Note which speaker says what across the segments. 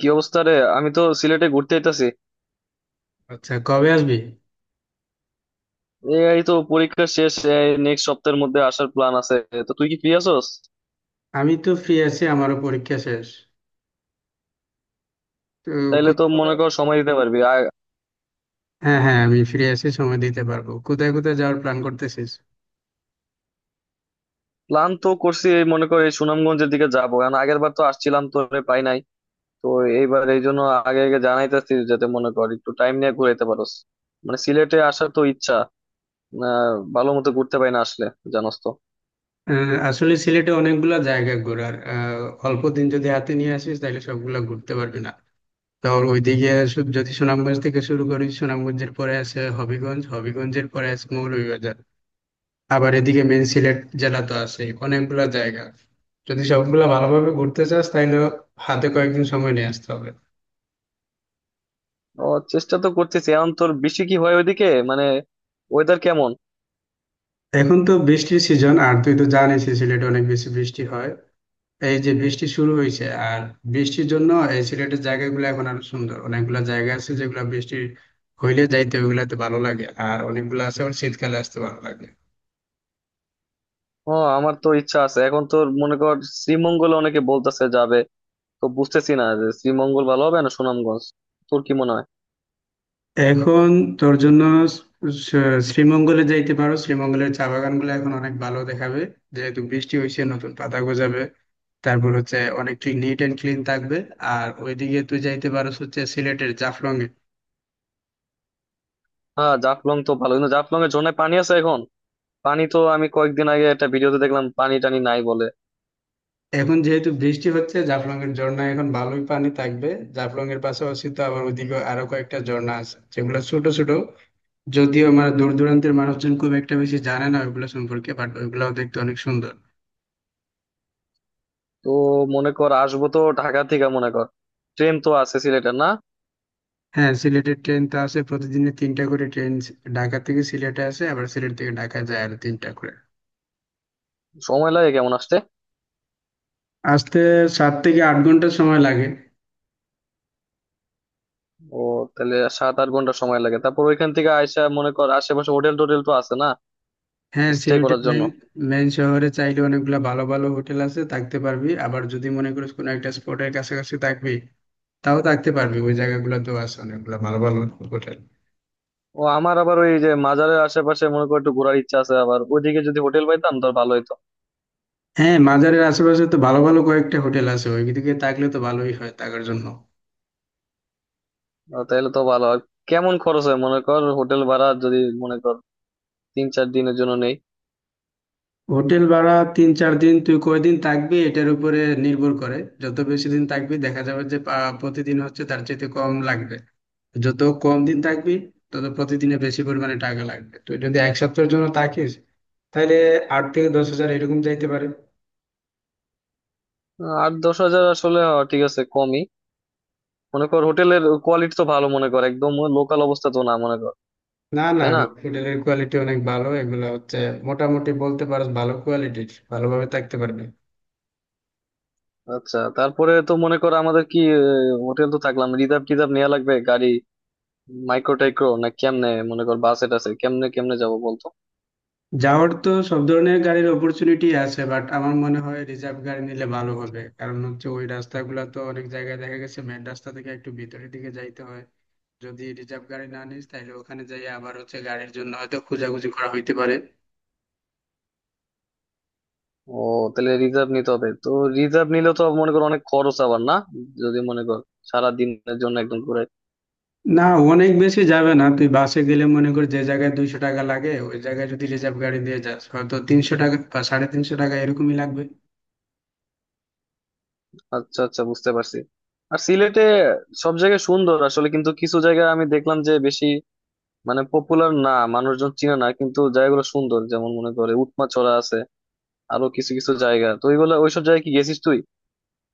Speaker 1: কি অবস্থা রে? আমি তো সিলেটে ঘুরতে আইতাছি।
Speaker 2: আচ্ছা কবে আসবি?
Speaker 1: এই তো পরীক্ষা শেষ। নেক্সট সপ্তাহের মধ্যে আসার প্ল্যান আছে। তো তুই কি ফ্রি আছোস?
Speaker 2: আমি তো ফ্রি আছি, আমারও পরীক্ষা শেষ। তো
Speaker 1: তাইলে তো
Speaker 2: কোথায়
Speaker 1: মনে
Speaker 2: কোথায়?
Speaker 1: কর সময় দিতে পারবি আর
Speaker 2: হ্যাঁ হ্যাঁ, আমি ফ্রি আছি, সময় দিতে পারবো। কোথায় কোথায় যাওয়ার প্ল্যান করতেছিস?
Speaker 1: প্ল্যান তো করছি, এই মনে কর এই সুনামগঞ্জের দিকে যাবো। কারণ আগের বার তো আসছিলাম, তোরে পাই নাই। তো এইবার এই জন্য আগে আগে জানাইতেছি, যাতে মনে কর একটু টাইম নিয়ে ঘুরাইতে পারোস। মানে সিলেটে আসার তো ইচ্ছা, ভালো মতো ঘুরতে পাই না আসলে, জানোস তো।
Speaker 2: আসলে সিলেটে অনেকগুলা জায়গা ঘোরার, অল্প দিন যদি হাতে নিয়ে আসিস তাহলে সবগুলা ঘুরতে পারবি না। তো ওইদিকে যদি সুনামগঞ্জ থেকে শুরু করিস, সুনামগঞ্জের পরে আছে হবিগঞ্জ, হবিগঞ্জের পরে আছে মৌলভীবাজার। আবার এদিকে মেন সিলেট জেলা তো আছে, অনেকগুলা জায়গা। যদি সবগুলা ভালোভাবে ঘুরতে চাস তাহলে হাতে কয়েকদিন সময় নিয়ে আসতে হবে।
Speaker 1: ও, চেষ্টা তো করতেছি। এখন তোর বৃষ্টি কি হয় ওইদিকে, মানে ওয়েদার কেমন?
Speaker 2: এখন তো বৃষ্টির সিজন, আর তুই তো জানিস এই সিলেটে অনেক বেশি বৃষ্টি হয়। এই যে বৃষ্টি শুরু হয়েছে, আর বৃষ্টির জন্য এই সিলেটের জায়গাগুলো এখন আরো সুন্দর। অনেকগুলা জায়গা আছে যেগুলা বৃষ্টি হইলে যাইতে ওইগুলাতে ভালো লাগে, আর অনেকগুলো আছে আবার শীতকালে আসতে ভালো লাগে।
Speaker 1: ও, আমার তো ইচ্ছা আছে এখন তো মনে কর শ্রীমঙ্গলে অনেকে বলতেছে যাবে। তো বুঝতেছি না যে শ্রীমঙ্গল ভালো হবে না সুনামগঞ্জ। তোর কি মনে হয়?
Speaker 2: এখন তোর জন্য শ্রীমঙ্গলে যাইতে পারো, শ্রীমঙ্গলের চা বাগানগুলো এখন অনেক ভালো দেখাবে। যেহেতু বৃষ্টি হয়েছে নতুন পাতা গজাবে, তারপর হচ্ছে অনেক ক্লিন, নিট এন্ড ক্লিন থাকবে। আর ওইদিকে তুই যাইতে পারো হচ্ছে সিলেটের জাফলং।
Speaker 1: হ্যাঁ, জাফলং তো ভালো, কিন্তু জাফলং এর ঝর্ণায় পানি আছে এখন? পানি তো আমি কয়েকদিন আগে একটা ভিডিওতে দেখলাম, পানি টানি নাই বলে।
Speaker 2: এখন যেহেতু বৃষ্টি হচ্ছে জাফলং এর ঝর্ণায় এখন ভালোই পানি থাকবে। জাফলং এর পাশাপাশি তো আবার ওইদিকে আরো কয়েকটা ঝর্ণা আছে, যেগুলো ছোট ছোট। যদিও মানে দূর দূরান্তের মানুষজন খুব একটা বেশি জানে না ওইগুলো সম্পর্কে, বাট ওইগুলাও দেখতে অনেক সুন্দর।
Speaker 1: তো মনে কর আসবো তো ঢাকা থেকে, মনে কর ট্রেন তো আছে সিলেটের, না?
Speaker 2: হ্যাঁ, সিলেটের ট্রেন তো আছে, প্রতিদিনে তিনটা করে ট্রেন ঢাকা থেকে সিলেটে আসে, আবার সিলেট থেকে ঢাকা যায় আর তিনটা করে।
Speaker 1: সময় লাগে কেমন আসতে?
Speaker 2: আসতে 7 থেকে 8 ঘন্টা সময় লাগে।
Speaker 1: ও, তাহলে 7-8 ঘন্টা সময় লাগে। তারপর ওইখান থেকে আইসা মনে কর আশেপাশে হোটেল টোটেল তো আছে না,
Speaker 2: হ্যাঁ,
Speaker 1: স্টে
Speaker 2: সিলেটের
Speaker 1: করার জন্য?
Speaker 2: মেন মেন শহরে চাইলে অনেকগুলা ভালো ভালো হোটেল আছে, থাকতে পারবি। আবার যদি মনে করিস কোনো একটা স্পটের কাছাকাছি থাকবি, তাও থাকতে পারবি, ওই জায়গাগুলোতেও আছে অনেকগুলো ভালো ভালো হোটেল।
Speaker 1: ও, আমার আবার ওই যে মাজারের আশেপাশে মনে করো একটু ঘোরার ইচ্ছা আছে। আবার ওইদিকে যদি হোটেল পাইতাম তো ভালো হইতো।
Speaker 2: হ্যাঁ, মাজারের আশেপাশে তো ভালো ভালো কয়েকটা হোটেল আছে, ওইদিকে থাকলে তো ভালোই হয় থাকার জন্য।
Speaker 1: তাহলে তো ভালো। আর কেমন খরচ হয় মনে কর, হোটেল ভাড়া যদি মনে কর 3-4 দিনের জন্য নেই?
Speaker 2: হোটেল ভাড়া তিন চার দিন, তুই কয়দিন থাকবি এটার উপরে নির্ভর করে। যত বেশি দিন থাকবি দেখা যাবে যে প্রতিদিন হচ্ছে তার চাইতে কম লাগবে। যত কম দিন থাকবি তত প্রতিদিনে বেশি পরিমাণে টাকা লাগবে। তুই যদি এক সপ্তাহের জন্য থাকিস তাহলে 8 থেকে 10 হাজার এরকম যাইতে পারে।
Speaker 1: 8-10 হাজার? আসলে ঠিক আছে, কমই। মনে কর হোটেলের কোয়ালিটি তো ভালো মনে কর, একদম লোকাল অবস্থা তো না মনে কর,
Speaker 2: না না,
Speaker 1: তাই না?
Speaker 2: হোটেলের কোয়ালিটি অনেক ভালো। এগুলা হচ্ছে মোটামুটি বলতে পারো ভালো কোয়ালিটির, ভালোভাবে থাকতে পারবে।
Speaker 1: আচ্ছা, তারপরে তো মনে কর আমাদের কি হোটেল তো থাকলাম, রিজার্ভ টিজার্ভ নেওয়া লাগবে গাড়ি, মাইক্রো টাইক্রো, না? কেমনে মনে কর, বাসে টাসে কেমনে কেমনে যাবো বলতো?
Speaker 2: যাওয়ার তো সব ধরনের গাড়ির অপরচুনিটি আছে, বাট আমার মনে হয় রিজার্ভ গাড়ি নিলে ভালো হবে। কারণ হচ্ছে ওই রাস্তাগুলো তো অনেক জায়গায় দেখা গেছে মেন রাস্তা থেকে একটু ভিতরের দিকে যাইতে হয়। যদি রিজার্ভ গাড়ি না নিস তাহলে ওখানে যাই আবার হচ্ছে গাড়ির জন্য হয়তো খোঁজাখুঁজি করা হইতে পারে।
Speaker 1: ও, তাহলে রিজার্ভ নিতে হবে তো। রিজার্ভ নিলে তো মনে করো অনেক খরচ আবার, না? যদি মনে কর সারা দিনের জন্য একদম ঘুরে।
Speaker 2: না, অনেক বেশি যাবে না। তুই বাসে গেলে মনে কর যে জায়গায় 200 টাকা লাগে, ওই জায়গায় যদি রিজার্ভ গাড়ি দিয়ে যাস হয়তো 300 টাকা বা 350 টাকা এরকমই লাগবে।
Speaker 1: আচ্ছা আচ্ছা, বুঝতে পারছি। আর সিলেটে সব জায়গায় সুন্দর আসলে, কিন্তু কিছু জায়গায় আমি দেখলাম যে বেশি মানে পপুলার না, মানুষজন চিনে না, কিন্তু জায়গাগুলো সুন্দর। যেমন মনে করে উৎমাছড়া আছে, আরো কিছু কিছু জায়গা, তো ওইগুলো ওইসব জায়গায় কি গেছিস তুই?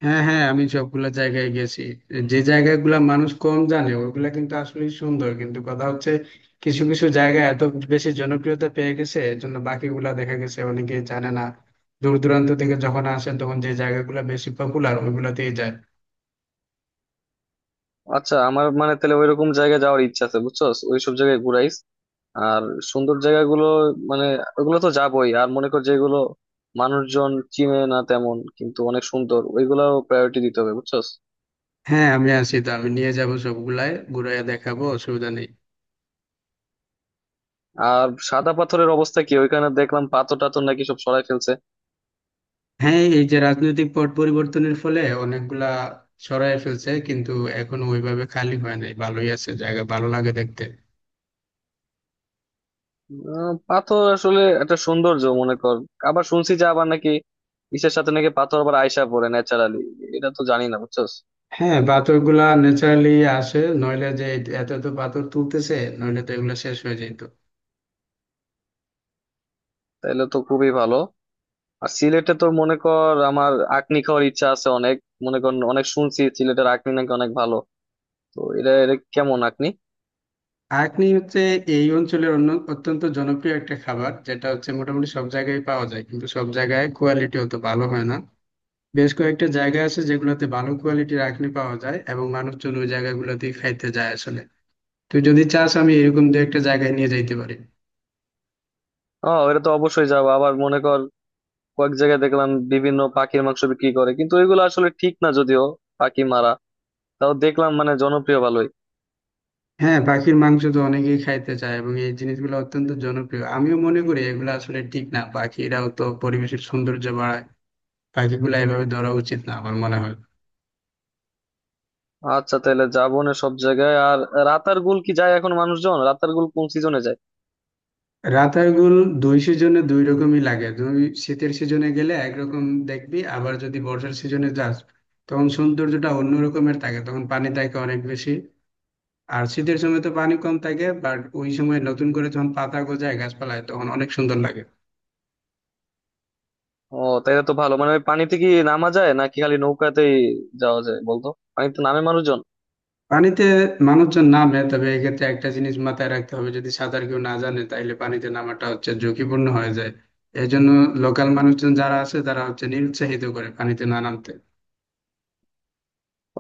Speaker 2: হ্যাঁ হ্যাঁ, আমি সবগুলা জায়গায় গেছি। যে জায়গাগুলা মানুষ কম জানে ওইগুলা কিন্তু আসলে সুন্দর, কিন্তু কথা হচ্ছে কিছু কিছু জায়গা এত বেশি জনপ্রিয়তা পেয়ে গেছে এর জন্য বাকিগুলা দেখা গেছে অনেকে জানে না। দূর দূরান্ত থেকে যখন আসেন তখন যে জায়গাগুলা বেশি পপুলার ওইগুলাতেই যায়।
Speaker 1: আচ্ছা, আমার মানে তাহলে ওইরকম জায়গায় যাওয়ার ইচ্ছা আছে, বুঝছস? ওইসব জায়গায় ঘুরাইস। আর সুন্দর জায়গাগুলো মানে ওগুলো তো যাবোই। আর মনে কর যেগুলো মানুষজন চিনে না তেমন, কিন্তু অনেক সুন্দর, ওইগুলাও প্রায়োরিটি দিতে হবে, বুঝছস?
Speaker 2: হ্যাঁ আমি আছি তো, আমি নিয়ে যাব, সবগুলাই ঘুরাইয়া দেখাবো, অসুবিধা নেই।
Speaker 1: আর সাদা পাথরের অবস্থা কি? ওইখানে দেখলাম পাথর টাথর নাকি সব সরাই ফেলছে।
Speaker 2: হ্যাঁ, এই যে রাজনৈতিক পট পরিবর্তনের ফলে অনেকগুলা সরায় ফেলছে, কিন্তু এখন ওইভাবে খালি হয় নাই, ভালোই আছে, জায়গা ভালো লাগে দেখতে।
Speaker 1: পাথর আসলে একটা সৌন্দর্য, মনে কর। আবার শুনছি যে আবার নাকি ইসের সাথে নাকি পাথর আবার আইসা পড়ে ন্যাচারালি, এটা তো জানি না, বুঝছস?
Speaker 2: হ্যাঁ, পাথর গুলা ন্যাচারালি আসে, নইলে যে এত এত পাথর তুলতেছে নইলে তো এগুলো শেষ হয়ে যেত।
Speaker 1: তাইলে তো খুবই ভালো। আর সিলেটে তো মনে কর আমার আঁকনি খাওয়ার ইচ্ছা আছে অনেক। মনে কর অনেক শুনছি সিলেটের আঁকনি নাকি অনেক ভালো। তো এটা এটা কেমন আপনি?
Speaker 2: আঁকনি হচ্ছে এই অঞ্চলের অন্য অত্যন্ত জনপ্রিয় একটা খাবার, যেটা হচ্ছে মোটামুটি সব জায়গায় পাওয়া যায়, কিন্তু সব জায়গায় কোয়ালিটি অত ভালো হয় না। বেশ কয়েকটা জায়গা আছে যেগুলোতে ভালো কোয়ালিটির আঁকনি পাওয়া যায়, এবং মানুষজন ওই জায়গাগুলোতেই খাইতে যায় আসলে। তুই যদি চাস আমি এরকম দু একটা জায়গায় নিয়ে যাইতে পারি।
Speaker 1: ও, এটা তো অবশ্যই যাবো। আবার মনে কর কয়েক জায়গায় দেখলাম বিভিন্ন পাখির মাংস বিক্রি করে, কিন্তু এগুলো আসলে ঠিক না, যদিও পাখি মারা, তাও দেখলাম মানে জনপ্রিয় ভালোই।
Speaker 2: হ্যাঁ, পাখির মাংস তো অনেকেই খাইতে চায় এবং এই জিনিসগুলো অত্যন্ত জনপ্রিয়, আমিও মনে করি এগুলো আসলে ঠিক না, পাখিরাও তো পরিবেশের সৌন্দর্য বাড়ায়। পাখিগুলো এভাবে ধরা উচিত না আমার মনে হয়।
Speaker 1: আচ্ছা, তাহলে যাবো না সব জায়গায়। আর রাতারগুল কি যায় এখন মানুষজন? রাতারগুল কোন সিজনে যায়?
Speaker 2: রাতারগুল দুই সিজনে দুই রকমই লাগে। তুমি শীতের সিজনে গেলে একরকম দেখবি, আবার যদি বর্ষার সিজনে যাস তখন সৌন্দর্যটা অন্য রকমের থাকে, তখন পানি থাকে অনেক বেশি। আর শীতের সময় তো পানি কম থাকে, বাট ওই সময় নতুন করে যখন পাতা গজায় গাছপালায় তখন অনেক সুন্দর লাগে।
Speaker 1: ও, তাহলে তো ভালো। মানে ওই পানিতে কি নামা যায়, নাকি খালি নৌকাতেই যাওয়া যায় বলতো? পানিতে নামে মানুষজন?
Speaker 2: পানিতে মানুষজন নামে, তবে এক্ষেত্রে একটা জিনিস মাথায় রাখতে হবে, যদি সাঁতার কেউ না জানে তাহলে পানিতে নামাটা হচ্ছে ঝুঁকিপূর্ণ হয়ে যায়। এই জন্য লোকাল মানুষজন যারা আছে তারা হচ্ছে নিরুৎসাহিত করে পানিতে না নামতে।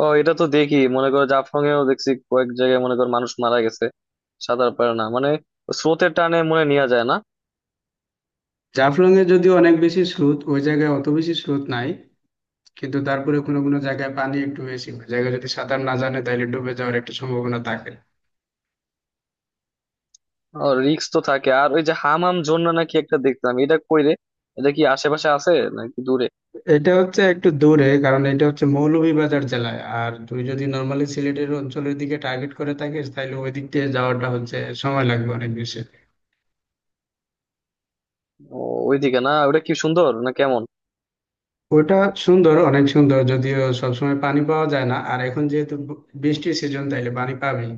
Speaker 1: ও, এটা তো দেখি মনে করো জাফলং এও দেখছি কয়েক জায়গায় মনে কর মানুষ মারা গেছে। সাঁতার পারে না মানে, স্রোতের টানে মনে নেওয়া যায় না।
Speaker 2: জাফলং এ যদিও অনেক বেশি স্রোত, ওই জায়গায় অত বেশি স্রোত নাই, কিন্তু তারপরে কোনো কোনো জায়গায় পানি একটু বেশি, ওই জায়গায় যদি সাঁতার না জানে তাহলে ডুবে যাওয়ার একটা সম্ভাবনা থাকে।
Speaker 1: রিক্স তো থাকে। আর ওই যে হামাম জন্য নাকি একটা দেখতাম, এটা কই রে? এটা কি আশেপাশে আছে নাকি দূরে?
Speaker 2: এটা হচ্ছে একটু দূরে, কারণ এটা হচ্ছে মৌলভীবাজার জেলায়। আর তুই যদি নর্মালি সিলেটের অঞ্চলের দিকে টার্গেট করে থাকিস তাহলে ওই দিক দিয়ে যাওয়াটা হচ্ছে সময় লাগবে অনেক বেশি।
Speaker 1: ও, ওইদিকে না? ওটা কি সুন্দর না কেমন?
Speaker 2: ওটা সুন্দর, অনেক সুন্দর, যদিও সবসময় পানি পাওয়া যায় না। আর এখন যেহেতু বৃষ্টির সিজন তাইলে পানি পাবেই।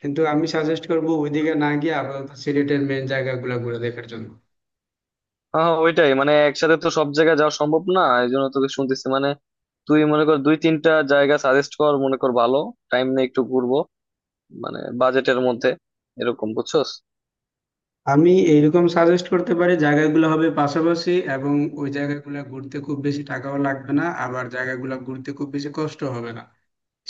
Speaker 2: কিন্তু আমি সাজেস্ট করব ওইদিকে না গিয়ে আপাতত সিলেটের মেন জায়গাগুলো ঘুরে দেখার জন্য।
Speaker 1: হ্যাঁ হ্যাঁ, ওইটাই, মানে একসাথে তো সব জায়গায় যাওয়া সম্ভব না। এই জন্য তোকে শুনতেছি, মানে তুই মনে কর দুই তিনটা জায়গা সাজেস্ট কর মনে কর ভালো। টাইম নিয়ে একটু ঘুরবো, মানে বাজেটের মধ্যে, এরকম, বুঝছস?
Speaker 2: আমি এইরকম সাজেস্ট করতে পারি, জায়গাগুলো হবে পাশাপাশি, এবং ওই জায়গাগুলো ঘুরতে খুব বেশি টাকাও লাগবে না, আবার জায়গাগুলো ঘুরতে খুব বেশি কষ্ট হবে না।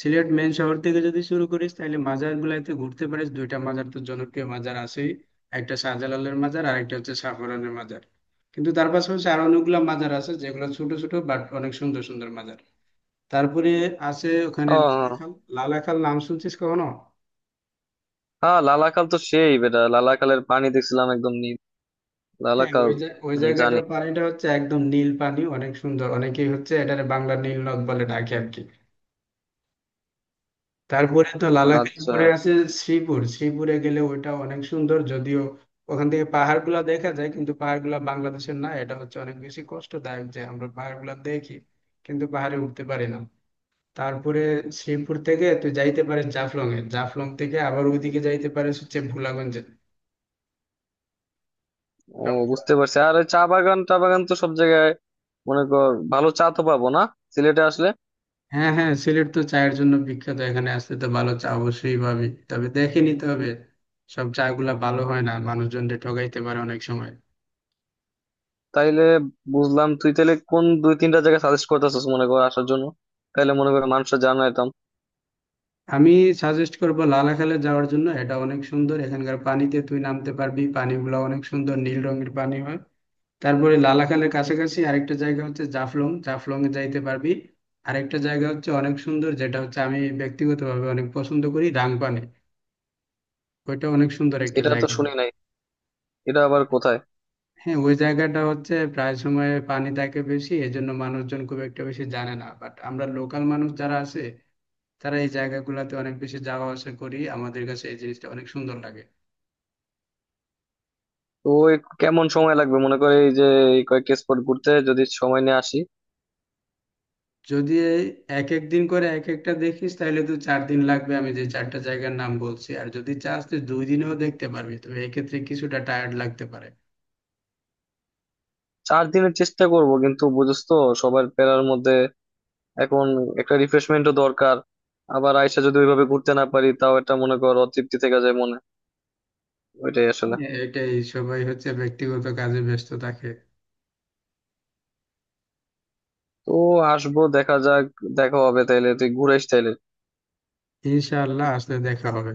Speaker 2: সিলেট মেন শহর থেকে যদি শুরু করিস তাহলে মাজার গুলাইতে ঘুরতে পারিস, দুইটা মাজার তো জনপ্রিয় মাজার আছেই। একটা শাহজালালের মাজার, আর একটা হচ্ছে সাফরানের মাজার। কিন্তু তার পাশাপাশি আরো অনেকগুলো মাজার আছে, যেগুলো ছোট ছোট বাট অনেক সুন্দর সুন্দর মাজার। তারপরে আছে ওখানে
Speaker 1: ও, হ্যাঁ হ্যাঁ।
Speaker 2: লালাখাল। লালাখাল নাম শুনছিস কখনো?
Speaker 1: হ্যাঁ, লালাকাল তো সেই বেটা। লালাকালের পানি দেখছিলাম একদম নীল,
Speaker 2: হ্যাঁ,
Speaker 1: লালাকাল।
Speaker 2: ওই
Speaker 1: হুম, জানি।
Speaker 2: জায়গাটার পানিটা হচ্ছে একদম নীল পানি, অনেক সুন্দর। অনেকেই হচ্ছে এটারে বাংলার নীল নদ বলে ডাকে আর কি। তারপরে তো লালাখাই
Speaker 1: আচ্ছা।
Speaker 2: পরে আছে শ্রীপুর। শ্রীপুরে গেলে ওইটা অনেক সুন্দর, যদিও ওখান থেকে পাহাড়গুলা দেখা যায় কিন্তু পাহাড়গুলা বাংলাদেশের না, এটা হচ্ছে অনেক বেশি কষ্টদায়ক যে আমরা পাহাড়গুলা দেখি কিন্তু পাহাড়ে উঠতে পারি না। তারপরে শ্রীপুর থেকে তুই যাইতে পারিস জাফলং এ, জাফলং থেকে আবার ওইদিকে যাইতে পারিস হচ্ছে ভোলাগঞ্জে।
Speaker 1: ও, বুঝতে পারছি। আর ওই চা বাগান টা বাগান তো সব জায়গায় মনে কর ভালো চা তো পাবো না সিলেটে আসলে?
Speaker 2: হ্যাঁ হ্যাঁ, সিলেট তো চায়ের জন্য বিখ্যাত, এখানে আসতে তো ভালো চা অবশ্যই পাবি, তবে দেখে নিতে হবে। সব চা গুলা ভালো হয় না, মানুষজনকে ঠকাইতে পারে অনেক সময়।
Speaker 1: তাইলে বুঝলাম, তুই তাহলে কোন দুই তিনটা জায়গা সাজেস্ট করতেছিস মনে কর আসার জন্য? তাইলে মনে কর মানুষরা জানাইতাম।
Speaker 2: আমি সাজেস্ট করব লালাখালে যাওয়ার জন্য, এটা অনেক সুন্দর, এখানকার পানিতে তুই নামতে পারবি, পানিগুলো অনেক সুন্দর নীল রঙের পানি হয়। তারপরে লালাখালের কাছাকাছি আরেকটা জায়গা হচ্ছে জাফলং, জাফলং এ যাইতে পারবি। আরেকটা জায়গা হচ্ছে অনেক সুন্দর, যেটা হচ্ছে আমি ব্যক্তিগতভাবে অনেক পছন্দ করি, রাংপানে। ওইটা অনেক সুন্দর একটা
Speaker 1: এটা তো
Speaker 2: জায়গা।
Speaker 1: শুনি নাই, এটা আবার কোথায়?
Speaker 2: হ্যাঁ, ওই জায়গাটা হচ্ছে প্রায় সময় পানি থাকে বেশি, এই জন্য মানুষজন খুব একটা বেশি জানে না, বাট আমরা লোকাল মানুষ যারা আছে তারা এই জায়গাগুলোতে অনেক বেশি যাওয়া আসা করি, আমাদের কাছে এই জিনিসটা অনেক সুন্দর লাগে।
Speaker 1: তো ওই কেমন সময় লাগবে মনে কর এই যে এই কয়েকটা স্পট ঘুরতে, যদি সময় নিয়ে আসি?
Speaker 2: যদি এই এক এক দিন করে এক একটা দেখিস তাহলে তো 4 দিন লাগবে, আমি যে চারটা জায়গার নাম বলছি। আর যদি চাস তুই 2 দিনেও দেখতে পারবি, তবে এক্ষেত্রে কিছুটা টায়ার্ড লাগতে পারে।
Speaker 1: চার দিনের চেষ্টা করব, কিন্তু বুঝছ তো, সবার প্যারার মধ্যে এখন একটা রিফ্রেশমেন্টও দরকার। আবার আইসা যদি ওইভাবে ঘুরতে না পারি, তাও একটা মনে কর অতৃপ্তি থেকে যায় মনে, ওইটাই আসলে।
Speaker 2: হ্যাঁ, এটাই, সবাই হচ্ছে ব্যক্তিগত কাজে ব্যস্ত থাকে।
Speaker 1: তো আসবো, দেখা যাক। দেখা হবে তাইলে। তুই ঘুরে আইস তাইলে।
Speaker 2: ইনশাআল্লাহ, আসলে দেখা হবে।